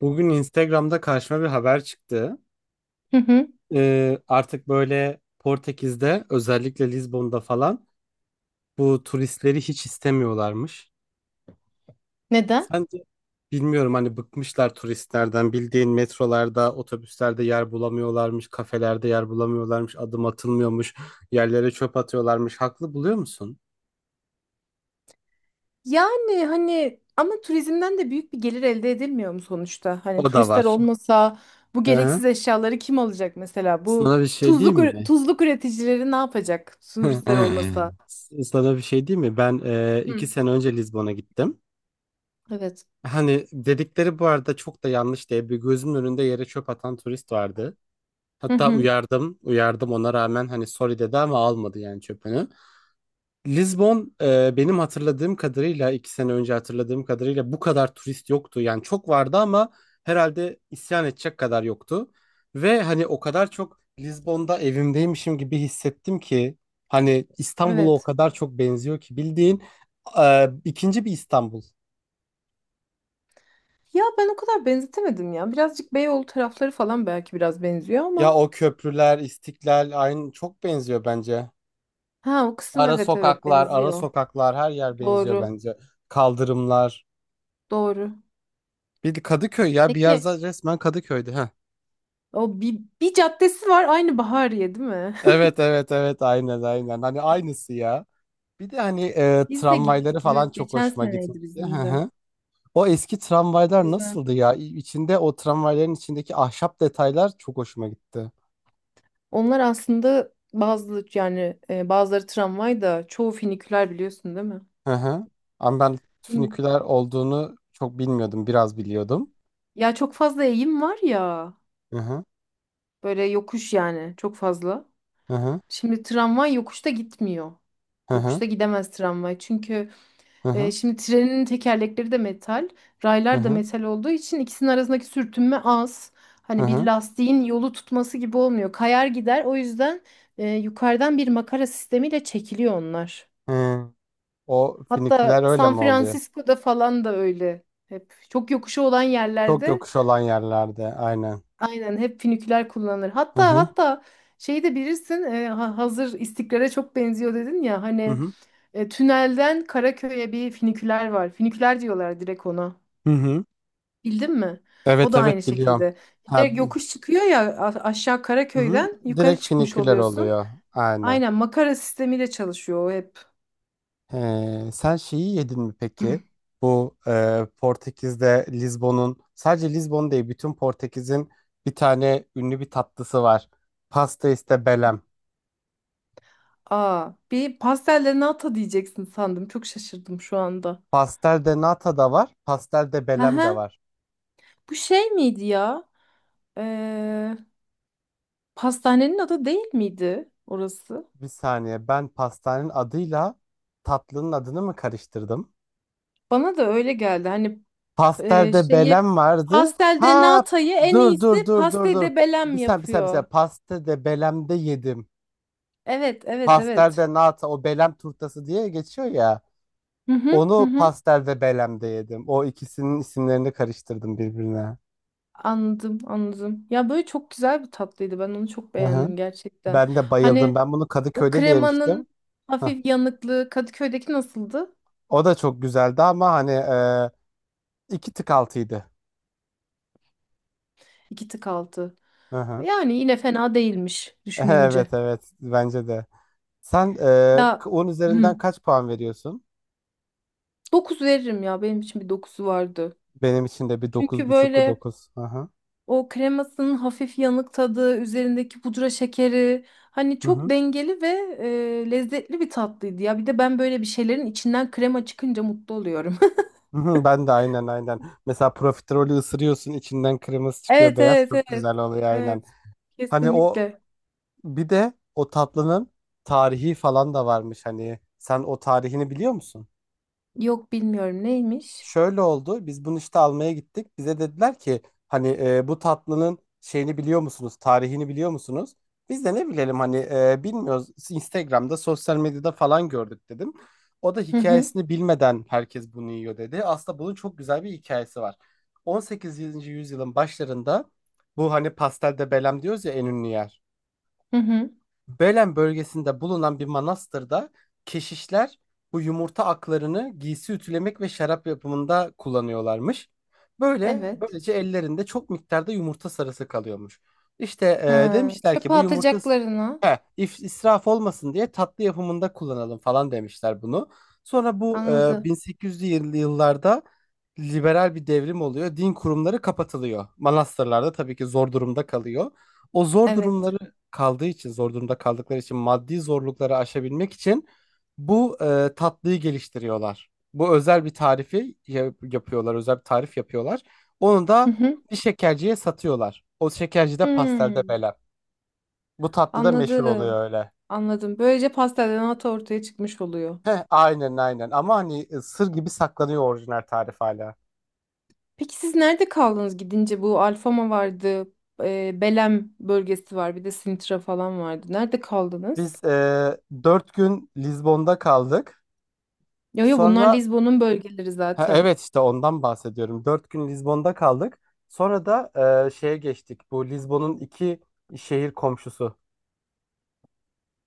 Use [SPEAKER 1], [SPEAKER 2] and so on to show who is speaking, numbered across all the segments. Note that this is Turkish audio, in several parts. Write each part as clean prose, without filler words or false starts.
[SPEAKER 1] Bugün Instagram'da karşıma bir haber çıktı.
[SPEAKER 2] Hı hı.
[SPEAKER 1] Artık böyle Portekiz'de özellikle Lizbon'da falan bu turistleri hiç istemiyorlarmış.
[SPEAKER 2] Neden?
[SPEAKER 1] Sence bilmiyorum, hani bıkmışlar turistlerden, bildiğin metrolarda, otobüslerde yer bulamıyorlarmış, kafelerde yer bulamıyorlarmış, adım atılmıyormuş, yerlere çöp atıyorlarmış. Haklı buluyor musun?
[SPEAKER 2] Yani hani ama turizmden de büyük bir gelir elde edilmiyor mu sonuçta? Hani
[SPEAKER 1] O da
[SPEAKER 2] turistler
[SPEAKER 1] var.
[SPEAKER 2] olmasa bu
[SPEAKER 1] Hı hı.
[SPEAKER 2] gereksiz eşyaları kim alacak mesela? Bu
[SPEAKER 1] Sana bir şey diyeyim mi?
[SPEAKER 2] tuzluk üreticileri ne yapacak turistler olmasa?
[SPEAKER 1] Sana bir şey diyeyim mi? Ben iki
[SPEAKER 2] Hı.
[SPEAKER 1] sene önce Lizbon'a gittim.
[SPEAKER 2] Evet.
[SPEAKER 1] Hani dedikleri bu arada çok da yanlış diye, bir gözümün önünde yere çöp atan turist vardı.
[SPEAKER 2] Hı
[SPEAKER 1] Hatta
[SPEAKER 2] hı.
[SPEAKER 1] uyardım, uyardım, ona rağmen hani sorry dedi ama almadı yani çöpünü. Lizbon benim hatırladığım kadarıyla, iki sene önce hatırladığım kadarıyla bu kadar turist yoktu. Yani çok vardı ama herhalde isyan edecek kadar yoktu. Ve hani o kadar çok Lizbon'da evimdeymişim gibi hissettim ki, hani İstanbul'a o
[SPEAKER 2] Evet.
[SPEAKER 1] kadar çok benziyor ki, bildiğin ikinci bir İstanbul.
[SPEAKER 2] Ya ben o kadar benzetemedim ya. Birazcık Beyoğlu tarafları falan belki biraz benziyor
[SPEAKER 1] Ya
[SPEAKER 2] ama.
[SPEAKER 1] o köprüler, İstiklal aynı, çok benziyor bence.
[SPEAKER 2] Ha o kısım,
[SPEAKER 1] Ara
[SPEAKER 2] evet evet,
[SPEAKER 1] sokaklar, ara
[SPEAKER 2] benziyor.
[SPEAKER 1] sokaklar her yer benziyor
[SPEAKER 2] Doğru.
[SPEAKER 1] bence. Kaldırımlar.
[SPEAKER 2] Doğru.
[SPEAKER 1] Bir de Kadıköy, ya bir yer
[SPEAKER 2] Peki
[SPEAKER 1] resmen Kadıköy'dü ha.
[SPEAKER 2] o bir caddesi var aynı Bahariye değil mi?
[SPEAKER 1] Evet evet evet, aynen aynen. Hani aynısı ya. Bir de hani
[SPEAKER 2] Biz de
[SPEAKER 1] tramvayları
[SPEAKER 2] gittik. Evet,
[SPEAKER 1] falan çok
[SPEAKER 2] geçen
[SPEAKER 1] hoşuma
[SPEAKER 2] seneydi
[SPEAKER 1] gitmişti. Hı
[SPEAKER 2] bizim de.
[SPEAKER 1] hı. O eski tramvaylar
[SPEAKER 2] Güzel.
[SPEAKER 1] nasıldı ya? İçinde, o tramvayların içindeki ahşap detaylar çok hoşuma gitti.
[SPEAKER 2] Onlar aslında bazı yani bazıları tramvay da çoğu finiküler biliyorsun değil mi?
[SPEAKER 1] Hı hı. Ama ben
[SPEAKER 2] Yeni-
[SPEAKER 1] füniküler olduğunu çok bilmiyordum. Biraz biliyordum.
[SPEAKER 2] Ya çok fazla eğim var ya.
[SPEAKER 1] Hı hı.
[SPEAKER 2] Böyle yokuş yani çok fazla.
[SPEAKER 1] Hı hı.
[SPEAKER 2] Şimdi tramvay yokuşta gitmiyor.
[SPEAKER 1] Hı hı.
[SPEAKER 2] Yokuşta gidemez tramvay. Çünkü
[SPEAKER 1] Hı
[SPEAKER 2] Ee,
[SPEAKER 1] hı.
[SPEAKER 2] şimdi trenin tekerlekleri de metal,
[SPEAKER 1] Hı
[SPEAKER 2] raylar da
[SPEAKER 1] hı.
[SPEAKER 2] metal olduğu için ikisinin arasındaki sürtünme az.
[SPEAKER 1] Hı
[SPEAKER 2] Hani bir
[SPEAKER 1] hı.
[SPEAKER 2] lastiğin yolu tutması gibi olmuyor. Kayar gider. O yüzden yukarıdan bir makara sistemiyle çekiliyor onlar.
[SPEAKER 1] Hı. O finiküler
[SPEAKER 2] Hatta
[SPEAKER 1] öyle
[SPEAKER 2] San
[SPEAKER 1] mi oluyor?
[SPEAKER 2] Francisco'da falan da öyle. Hep çok yokuşu olan
[SPEAKER 1] Çok
[SPEAKER 2] yerlerde
[SPEAKER 1] yokuş olan yerlerde aynen.
[SPEAKER 2] aynen hep finiküler kullanılır.
[SPEAKER 1] Hı
[SPEAKER 2] Hatta
[SPEAKER 1] hı.
[SPEAKER 2] hatta şeyi de bilirsin, hazır istiklale çok benziyor dedin ya
[SPEAKER 1] Hı
[SPEAKER 2] hani,
[SPEAKER 1] hı.
[SPEAKER 2] tünelden Karaköy'e bir finiküler var. Finiküler diyorlar direkt ona.
[SPEAKER 1] Hı hı.
[SPEAKER 2] Bildin mi? O
[SPEAKER 1] Evet
[SPEAKER 2] da aynı
[SPEAKER 1] evet biliyorum.
[SPEAKER 2] şekilde. Bir de
[SPEAKER 1] Ha,
[SPEAKER 2] yokuş çıkıyor ya, aşağı
[SPEAKER 1] hı hı.
[SPEAKER 2] Karaköy'den yukarı
[SPEAKER 1] Direkt
[SPEAKER 2] çıkmış
[SPEAKER 1] finiküler
[SPEAKER 2] oluyorsun.
[SPEAKER 1] oluyor. Aynen.
[SPEAKER 2] Aynen makara sistemiyle çalışıyor o hep.
[SPEAKER 1] Sen şeyi yedin mi peki? Bu Portekiz'de Lizbon'un, sadece Lizbon değil bütün Portekiz'in, bir tane ünlü bir tatlısı var. Pasta iste belem.
[SPEAKER 2] Aa, bir pastellerini nata diyeceksin sandım. Çok şaşırdım şu anda.
[SPEAKER 1] Pastel de nata da var. Pastel de belem
[SPEAKER 2] Aha,
[SPEAKER 1] de var.
[SPEAKER 2] bu şey miydi ya? Ee, Pastanenin adı değil miydi orası?
[SPEAKER 1] Bir saniye, ben pastanenin adıyla tatlının adını mı karıştırdım?
[SPEAKER 2] Bana da öyle geldi. Hani
[SPEAKER 1] Pasterde
[SPEAKER 2] şeyi,
[SPEAKER 1] Belen vardı.
[SPEAKER 2] pastelde
[SPEAKER 1] Ha,
[SPEAKER 2] Nata'yı en
[SPEAKER 1] dur dur
[SPEAKER 2] iyisi
[SPEAKER 1] dur dur dur.
[SPEAKER 2] pastede Belem
[SPEAKER 1] Bir saniye, bir saniye, bir saniye.
[SPEAKER 2] yapıyor.
[SPEAKER 1] Pastede Belem'de yedim.
[SPEAKER 2] Evet, evet,
[SPEAKER 1] Pasterde
[SPEAKER 2] evet.
[SPEAKER 1] nata o Belem turtası diye geçiyor ya.
[SPEAKER 2] Hı hı, hı
[SPEAKER 1] Onu
[SPEAKER 2] hı.
[SPEAKER 1] pasterde Belem'de yedim. O ikisinin isimlerini karıştırdım birbirine.
[SPEAKER 2] Anladım, anladım. Ya böyle çok güzel bir tatlıydı. Ben onu çok
[SPEAKER 1] Hı hı.
[SPEAKER 2] beğendim gerçekten.
[SPEAKER 1] Ben de bayıldım.
[SPEAKER 2] Hani
[SPEAKER 1] Ben bunu
[SPEAKER 2] o
[SPEAKER 1] Kadıköy'de de yemiştim.
[SPEAKER 2] kremanın
[SPEAKER 1] Hah.
[SPEAKER 2] hafif yanıklığı Kadıköy'deki nasıldı?
[SPEAKER 1] O da çok güzeldi ama hani iki tık altıydı.
[SPEAKER 2] İki tık altı.
[SPEAKER 1] Hı hı.
[SPEAKER 2] Yani yine fena değilmiş düşününce.
[SPEAKER 1] Evet evet, bence de. Sen
[SPEAKER 2] Ya
[SPEAKER 1] 10
[SPEAKER 2] hı,
[SPEAKER 1] üzerinden kaç puan veriyorsun?
[SPEAKER 2] dokuz veririm ya. Benim için bir dokuzu vardı.
[SPEAKER 1] Benim için de bir
[SPEAKER 2] Çünkü
[SPEAKER 1] 9,5'lu
[SPEAKER 2] böyle
[SPEAKER 1] 9. Aha.
[SPEAKER 2] o kremasının hafif yanık tadı, üzerindeki pudra şekeri hani
[SPEAKER 1] Hı
[SPEAKER 2] çok
[SPEAKER 1] hı.
[SPEAKER 2] dengeli ve lezzetli bir tatlıydı ya. Bir de ben böyle bir şeylerin içinden krema çıkınca mutlu oluyorum.
[SPEAKER 1] Hı hı, hı, ben de aynen aynen. Mesela profiterolü ısırıyorsun, içinden kırmızı çıkıyor,
[SPEAKER 2] Evet
[SPEAKER 1] beyaz,
[SPEAKER 2] evet
[SPEAKER 1] çok
[SPEAKER 2] evet.
[SPEAKER 1] güzel oluyor aynen.
[SPEAKER 2] Evet.
[SPEAKER 1] Hani o,
[SPEAKER 2] Kesinlikle.
[SPEAKER 1] bir de o tatlının tarihi falan da varmış hani. Sen o tarihini biliyor musun?
[SPEAKER 2] Yok, bilmiyorum, neymiş.
[SPEAKER 1] Şöyle oldu. Biz bunu işte almaya gittik. Bize dediler ki hani bu tatlının şeyini biliyor musunuz? Tarihini biliyor musunuz? Biz de ne bilelim hani, bilmiyoruz. Instagram'da, sosyal medyada falan gördük dedim. O da
[SPEAKER 2] Hı hı,
[SPEAKER 1] hikayesini bilmeden herkes bunu yiyor dedi. Aslında bunun çok güzel bir hikayesi var. 18. yüzyılın başlarında, bu hani pastel de Belem diyoruz ya, en ünlü yer.
[SPEAKER 2] hı hı.
[SPEAKER 1] Belen bölgesinde bulunan bir manastırda keşişler bu yumurta aklarını giysi ütülemek ve şarap yapımında kullanıyorlarmış. Böyle,
[SPEAKER 2] Evet.
[SPEAKER 1] böylece ellerinde çok miktarda yumurta sarısı kalıyormuş. İşte
[SPEAKER 2] Ha,
[SPEAKER 1] demişler ki
[SPEAKER 2] çöpe
[SPEAKER 1] bu yumurta,
[SPEAKER 2] atacaklarına.
[SPEAKER 1] israf olmasın diye tatlı yapımında kullanalım falan demişler bunu. Sonra bu
[SPEAKER 2] Anladım.
[SPEAKER 1] 1800'lü yıllarda liberal bir devrim oluyor. Din kurumları kapatılıyor. Manastırlarda tabii ki zor durumda kalıyor. O zor durumları
[SPEAKER 2] Evet.
[SPEAKER 1] kaldığı için, zor durumda kaldıkları için, maddi zorlukları aşabilmek için bu tatlıyı geliştiriyorlar. Bu özel bir tarifi yapıyorlar, özel bir tarif yapıyorlar. Onu
[SPEAKER 2] Hı
[SPEAKER 1] da
[SPEAKER 2] hı.
[SPEAKER 1] bir şekerciye satıyorlar. O şekerci de pastelde
[SPEAKER 2] Hmm.
[SPEAKER 1] bela. Bu tatlı da meşhur
[SPEAKER 2] Anladım.
[SPEAKER 1] oluyor öyle.
[SPEAKER 2] Anladım. Böylece pastelden ata ortaya çıkmış oluyor.
[SPEAKER 1] Heh, aynen aynen, ama hani sır gibi saklanıyor orijinal tarif hala.
[SPEAKER 2] Peki siz nerede kaldınız gidince? Bu Alfama vardı. Belem bölgesi var. Bir de Sintra falan vardı. Nerede kaldınız?
[SPEAKER 1] Biz 4 gün Lizbon'da kaldık.
[SPEAKER 2] Yo yo, bunlar
[SPEAKER 1] Sonra
[SPEAKER 2] Lizbon'un bölgeleri
[SPEAKER 1] Ha,
[SPEAKER 2] zaten.
[SPEAKER 1] evet işte ondan bahsediyorum. Dört gün Lizbon'da kaldık. Sonra da şeye geçtik. Bu Lizbon'un iki şehir komşusu.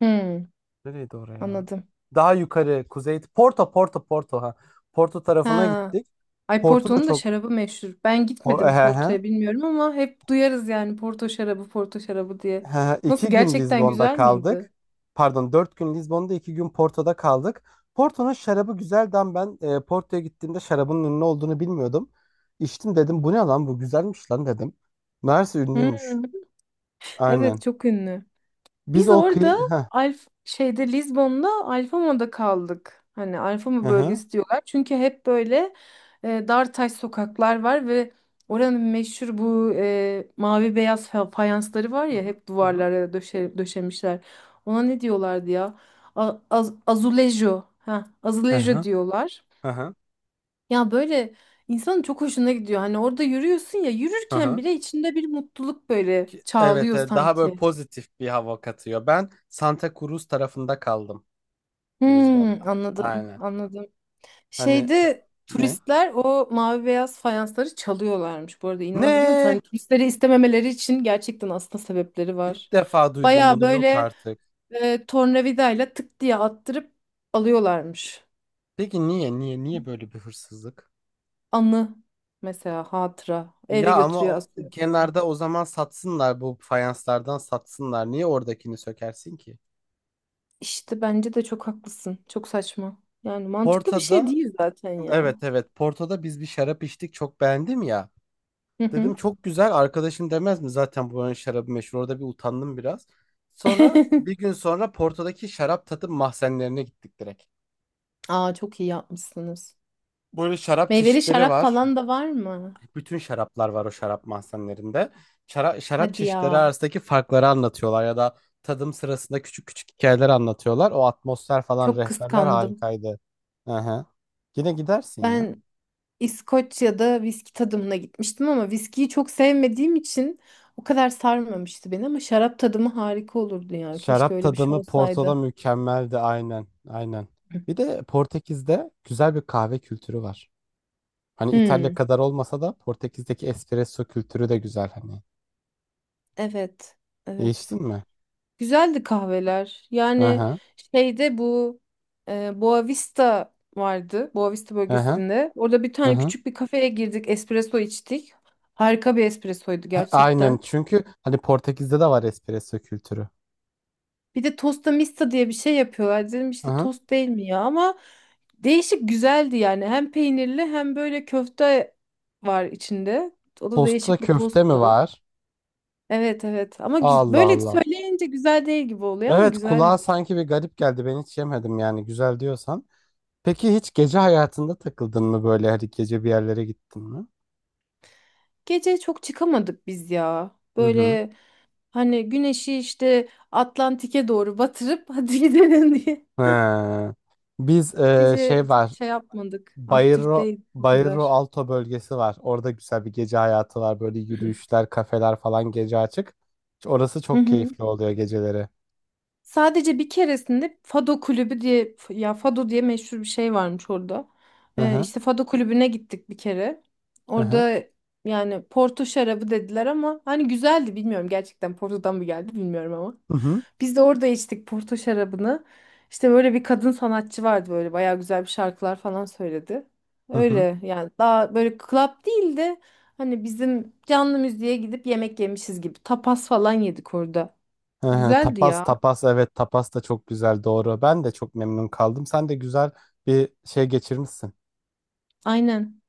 [SPEAKER 2] Hmm,
[SPEAKER 1] Nereydi oraya?
[SPEAKER 2] anladım.
[SPEAKER 1] Daha yukarı kuzey. Porto, Porto, Porto. Ha. Porto tarafına
[SPEAKER 2] Ha.
[SPEAKER 1] gittik.
[SPEAKER 2] Ay,
[SPEAKER 1] Porto da
[SPEAKER 2] Porto'nun da
[SPEAKER 1] çok...
[SPEAKER 2] şarabı meşhur. Ben
[SPEAKER 1] O,
[SPEAKER 2] gitmedim Porto'ya, bilmiyorum, ama hep duyarız yani, Porto şarabı, Porto şarabı diye.
[SPEAKER 1] he,
[SPEAKER 2] Nasıl,
[SPEAKER 1] iki gün
[SPEAKER 2] gerçekten
[SPEAKER 1] Lizbon'da
[SPEAKER 2] güzel miydi?
[SPEAKER 1] kaldık. Pardon, dört gün Lizbon'da, iki gün Porto'da kaldık. Porto'nun şarabı güzeldi ama ben Porto'ya gittiğimde şarabın ünlü olduğunu bilmiyordum. İçtim, dedim bu ne lan, bu güzelmiş lan dedim. Meğerse
[SPEAKER 2] Hmm,
[SPEAKER 1] ünlüymüş.
[SPEAKER 2] evet,
[SPEAKER 1] Aynen.
[SPEAKER 2] çok ünlü.
[SPEAKER 1] Biz
[SPEAKER 2] Biz
[SPEAKER 1] o kıyı...
[SPEAKER 2] orada
[SPEAKER 1] Heh.
[SPEAKER 2] Şeyde, Lizbon'da Alfama'da kaldık. Hani
[SPEAKER 1] Hı
[SPEAKER 2] Alfama
[SPEAKER 1] hı.
[SPEAKER 2] bölgesi diyorlar. Çünkü hep böyle dar taş sokaklar var ve oranın meşhur bu, e, mavi beyaz fa- fayansları var
[SPEAKER 1] Hı
[SPEAKER 2] ya,
[SPEAKER 1] hı,
[SPEAKER 2] hep
[SPEAKER 1] hı hı.
[SPEAKER 2] duvarlara döşemişler. Ona ne diyorlardı ya? Azulejo. Ha,
[SPEAKER 1] Hı
[SPEAKER 2] azulejo
[SPEAKER 1] hı.
[SPEAKER 2] diyorlar.
[SPEAKER 1] Hı hı.
[SPEAKER 2] Ya böyle insanın çok hoşuna gidiyor. Hani orada yürüyorsun ya,
[SPEAKER 1] Hı
[SPEAKER 2] yürürken
[SPEAKER 1] hı.
[SPEAKER 2] bile içinde bir mutluluk böyle
[SPEAKER 1] Ki- Evet,
[SPEAKER 2] çağlıyor
[SPEAKER 1] daha böyle
[SPEAKER 2] sanki.
[SPEAKER 1] pozitif bir hava katıyor. Ben Santa Cruz tarafında kaldım Lizbon'da.
[SPEAKER 2] Hmm, anladım,
[SPEAKER 1] Aynen.
[SPEAKER 2] anladım.
[SPEAKER 1] Hani
[SPEAKER 2] Şeyde
[SPEAKER 1] ne?
[SPEAKER 2] turistler o mavi beyaz fayansları çalıyorlarmış. Bu arada inanabiliyor musun?
[SPEAKER 1] Ne?
[SPEAKER 2] Hani turistleri istememeleri için gerçekten aslında sebepleri var.
[SPEAKER 1] İlk defa duydum
[SPEAKER 2] Baya
[SPEAKER 1] bunu. Yok
[SPEAKER 2] böyle
[SPEAKER 1] artık.
[SPEAKER 2] tornavidayla tık diye attırıp alıyorlarmış.
[SPEAKER 1] Peki niye? Niye? Niye böyle bir hırsızlık?
[SPEAKER 2] Anı, mesela hatıra, eve
[SPEAKER 1] Ya ama
[SPEAKER 2] götürüyor,
[SPEAKER 1] o-
[SPEAKER 2] asıyor falan.
[SPEAKER 1] kenarda o zaman satsınlar, bu fayanslardan satsınlar. Niye oradakini sökersin ki?
[SPEAKER 2] İşte bence de çok haklısın. Çok saçma. Yani mantıklı bir şey
[SPEAKER 1] Porto'da,
[SPEAKER 2] değil zaten
[SPEAKER 1] evet
[SPEAKER 2] ya.
[SPEAKER 1] evet, Porto'da biz bir şarap içtik, çok beğendim ya.
[SPEAKER 2] Hı
[SPEAKER 1] Dedim
[SPEAKER 2] hı.
[SPEAKER 1] çok güzel, arkadaşım demez mi zaten buranın şarabı meşhur, orada bir utandım biraz. Sonra bir gün sonra Porto'daki şarap tadım mahzenlerine gittik direkt.
[SPEAKER 2] Aa, çok iyi yapmışsınız.
[SPEAKER 1] Böyle şarap
[SPEAKER 2] Meyveli
[SPEAKER 1] çeşitleri
[SPEAKER 2] şarap
[SPEAKER 1] var.
[SPEAKER 2] falan da var mı?
[SPEAKER 1] Bütün şaraplar var o şarap mahzenlerinde. Şarap
[SPEAKER 2] Hadi
[SPEAKER 1] çeşitleri
[SPEAKER 2] ya.
[SPEAKER 1] arasındaki farkları anlatıyorlar ya da tadım sırasında küçük küçük hikayeler anlatıyorlar. O atmosfer falan,
[SPEAKER 2] Çok
[SPEAKER 1] rehberler
[SPEAKER 2] kıskandım.
[SPEAKER 1] harikaydı. Hı hı. Yine gidersin ya.
[SPEAKER 2] Ben İskoçya'da viski tadımına gitmiştim ama viskiyi çok sevmediğim için o kadar sarmamıştı beni, ama şarap tadımı harika olurdu ya. Keşke
[SPEAKER 1] Şarap
[SPEAKER 2] öyle bir şey
[SPEAKER 1] tadımı Porto'da
[SPEAKER 2] olsaydı.
[SPEAKER 1] mükemmeldi aynen. Aynen. Bir de Portekiz'de güzel bir kahve kültürü var. Hani İtalya
[SPEAKER 2] Hmm,
[SPEAKER 1] kadar olmasa da Portekiz'deki espresso kültürü de güzel hani.
[SPEAKER 2] evet, evet.
[SPEAKER 1] Değiştin mi?
[SPEAKER 2] Güzeldi kahveler.
[SPEAKER 1] Hı
[SPEAKER 2] Yani
[SPEAKER 1] hı.
[SPEAKER 2] şeyde bu, Boavista vardı. Boavista
[SPEAKER 1] Hı hı.
[SPEAKER 2] bölgesinde. Orada bir
[SPEAKER 1] Hı
[SPEAKER 2] tane
[SPEAKER 1] hı.
[SPEAKER 2] küçük bir kafeye girdik. Espresso içtik. Harika bir espressoydu
[SPEAKER 1] Ha, aynen,
[SPEAKER 2] gerçekten.
[SPEAKER 1] çünkü hani Portekiz'de de var espresso kültürü.
[SPEAKER 2] Bir de tosta mista diye bir şey yapıyorlar. Dedim
[SPEAKER 1] Hı
[SPEAKER 2] işte
[SPEAKER 1] hı.
[SPEAKER 2] tost değil mi ya, ama değişik, güzeldi yani. Hem peynirli hem böyle köfte var içinde. O da
[SPEAKER 1] Tosta
[SPEAKER 2] değişik bir
[SPEAKER 1] köfte mi
[SPEAKER 2] tosttu.
[SPEAKER 1] var?
[SPEAKER 2] Evet evet, ama
[SPEAKER 1] Allah
[SPEAKER 2] böyle
[SPEAKER 1] Allah.
[SPEAKER 2] söyleyince güzel değil gibi oluyor ama
[SPEAKER 1] Evet, kulağa
[SPEAKER 2] güzeldi.
[SPEAKER 1] sanki bir garip geldi. Ben hiç yemedim yani, güzel diyorsan. Peki hiç gece hayatında takıldın mı böyle? Hani gece bir yerlere gittin mi?
[SPEAKER 2] Gece çok çıkamadık biz ya.
[SPEAKER 1] Hı hı.
[SPEAKER 2] Böyle hani güneşi işte Atlantik'e doğru batırıp hadi gidelim diye.
[SPEAKER 1] He. Biz şey
[SPEAKER 2] Gece çok
[SPEAKER 1] var.
[SPEAKER 2] şey yapmadık. Aktif
[SPEAKER 1] Bayro
[SPEAKER 2] değil o
[SPEAKER 1] Bayro
[SPEAKER 2] kadar.
[SPEAKER 1] Alto bölgesi var. Orada güzel bir gece hayatı var. Böyle yürüyüşler, kafeler falan gece açık. Orası çok keyifli oluyor geceleri.
[SPEAKER 2] Sadece bir keresinde Fado kulübü diye, ya Fado diye meşhur bir şey varmış orada.
[SPEAKER 1] Hı hı.
[SPEAKER 2] İşte Fado kulübüne gittik bir kere.
[SPEAKER 1] Hı hı.
[SPEAKER 2] Orada yani Porto şarabı dediler ama hani güzeldi, bilmiyorum gerçekten Porto'dan mı geldi bilmiyorum ama.
[SPEAKER 1] Hı hı.
[SPEAKER 2] Biz de orada içtik Porto şarabını. İşte böyle bir kadın sanatçı vardı, böyle bayağı güzel bir şarkılar falan söyledi.
[SPEAKER 1] Hı hı.
[SPEAKER 2] Öyle yani, daha böyle club değil de hani bizim canlı müziğe gidip yemek yemişiz gibi, tapas falan yedik orada.
[SPEAKER 1] Hı hı.
[SPEAKER 2] Güzeldi
[SPEAKER 1] Tapas,
[SPEAKER 2] ya.
[SPEAKER 1] tapas, evet, tapas da çok güzel, doğru. Ben de çok memnun kaldım. Sen de güzel bir şey geçirmişsin.
[SPEAKER 2] Aynen.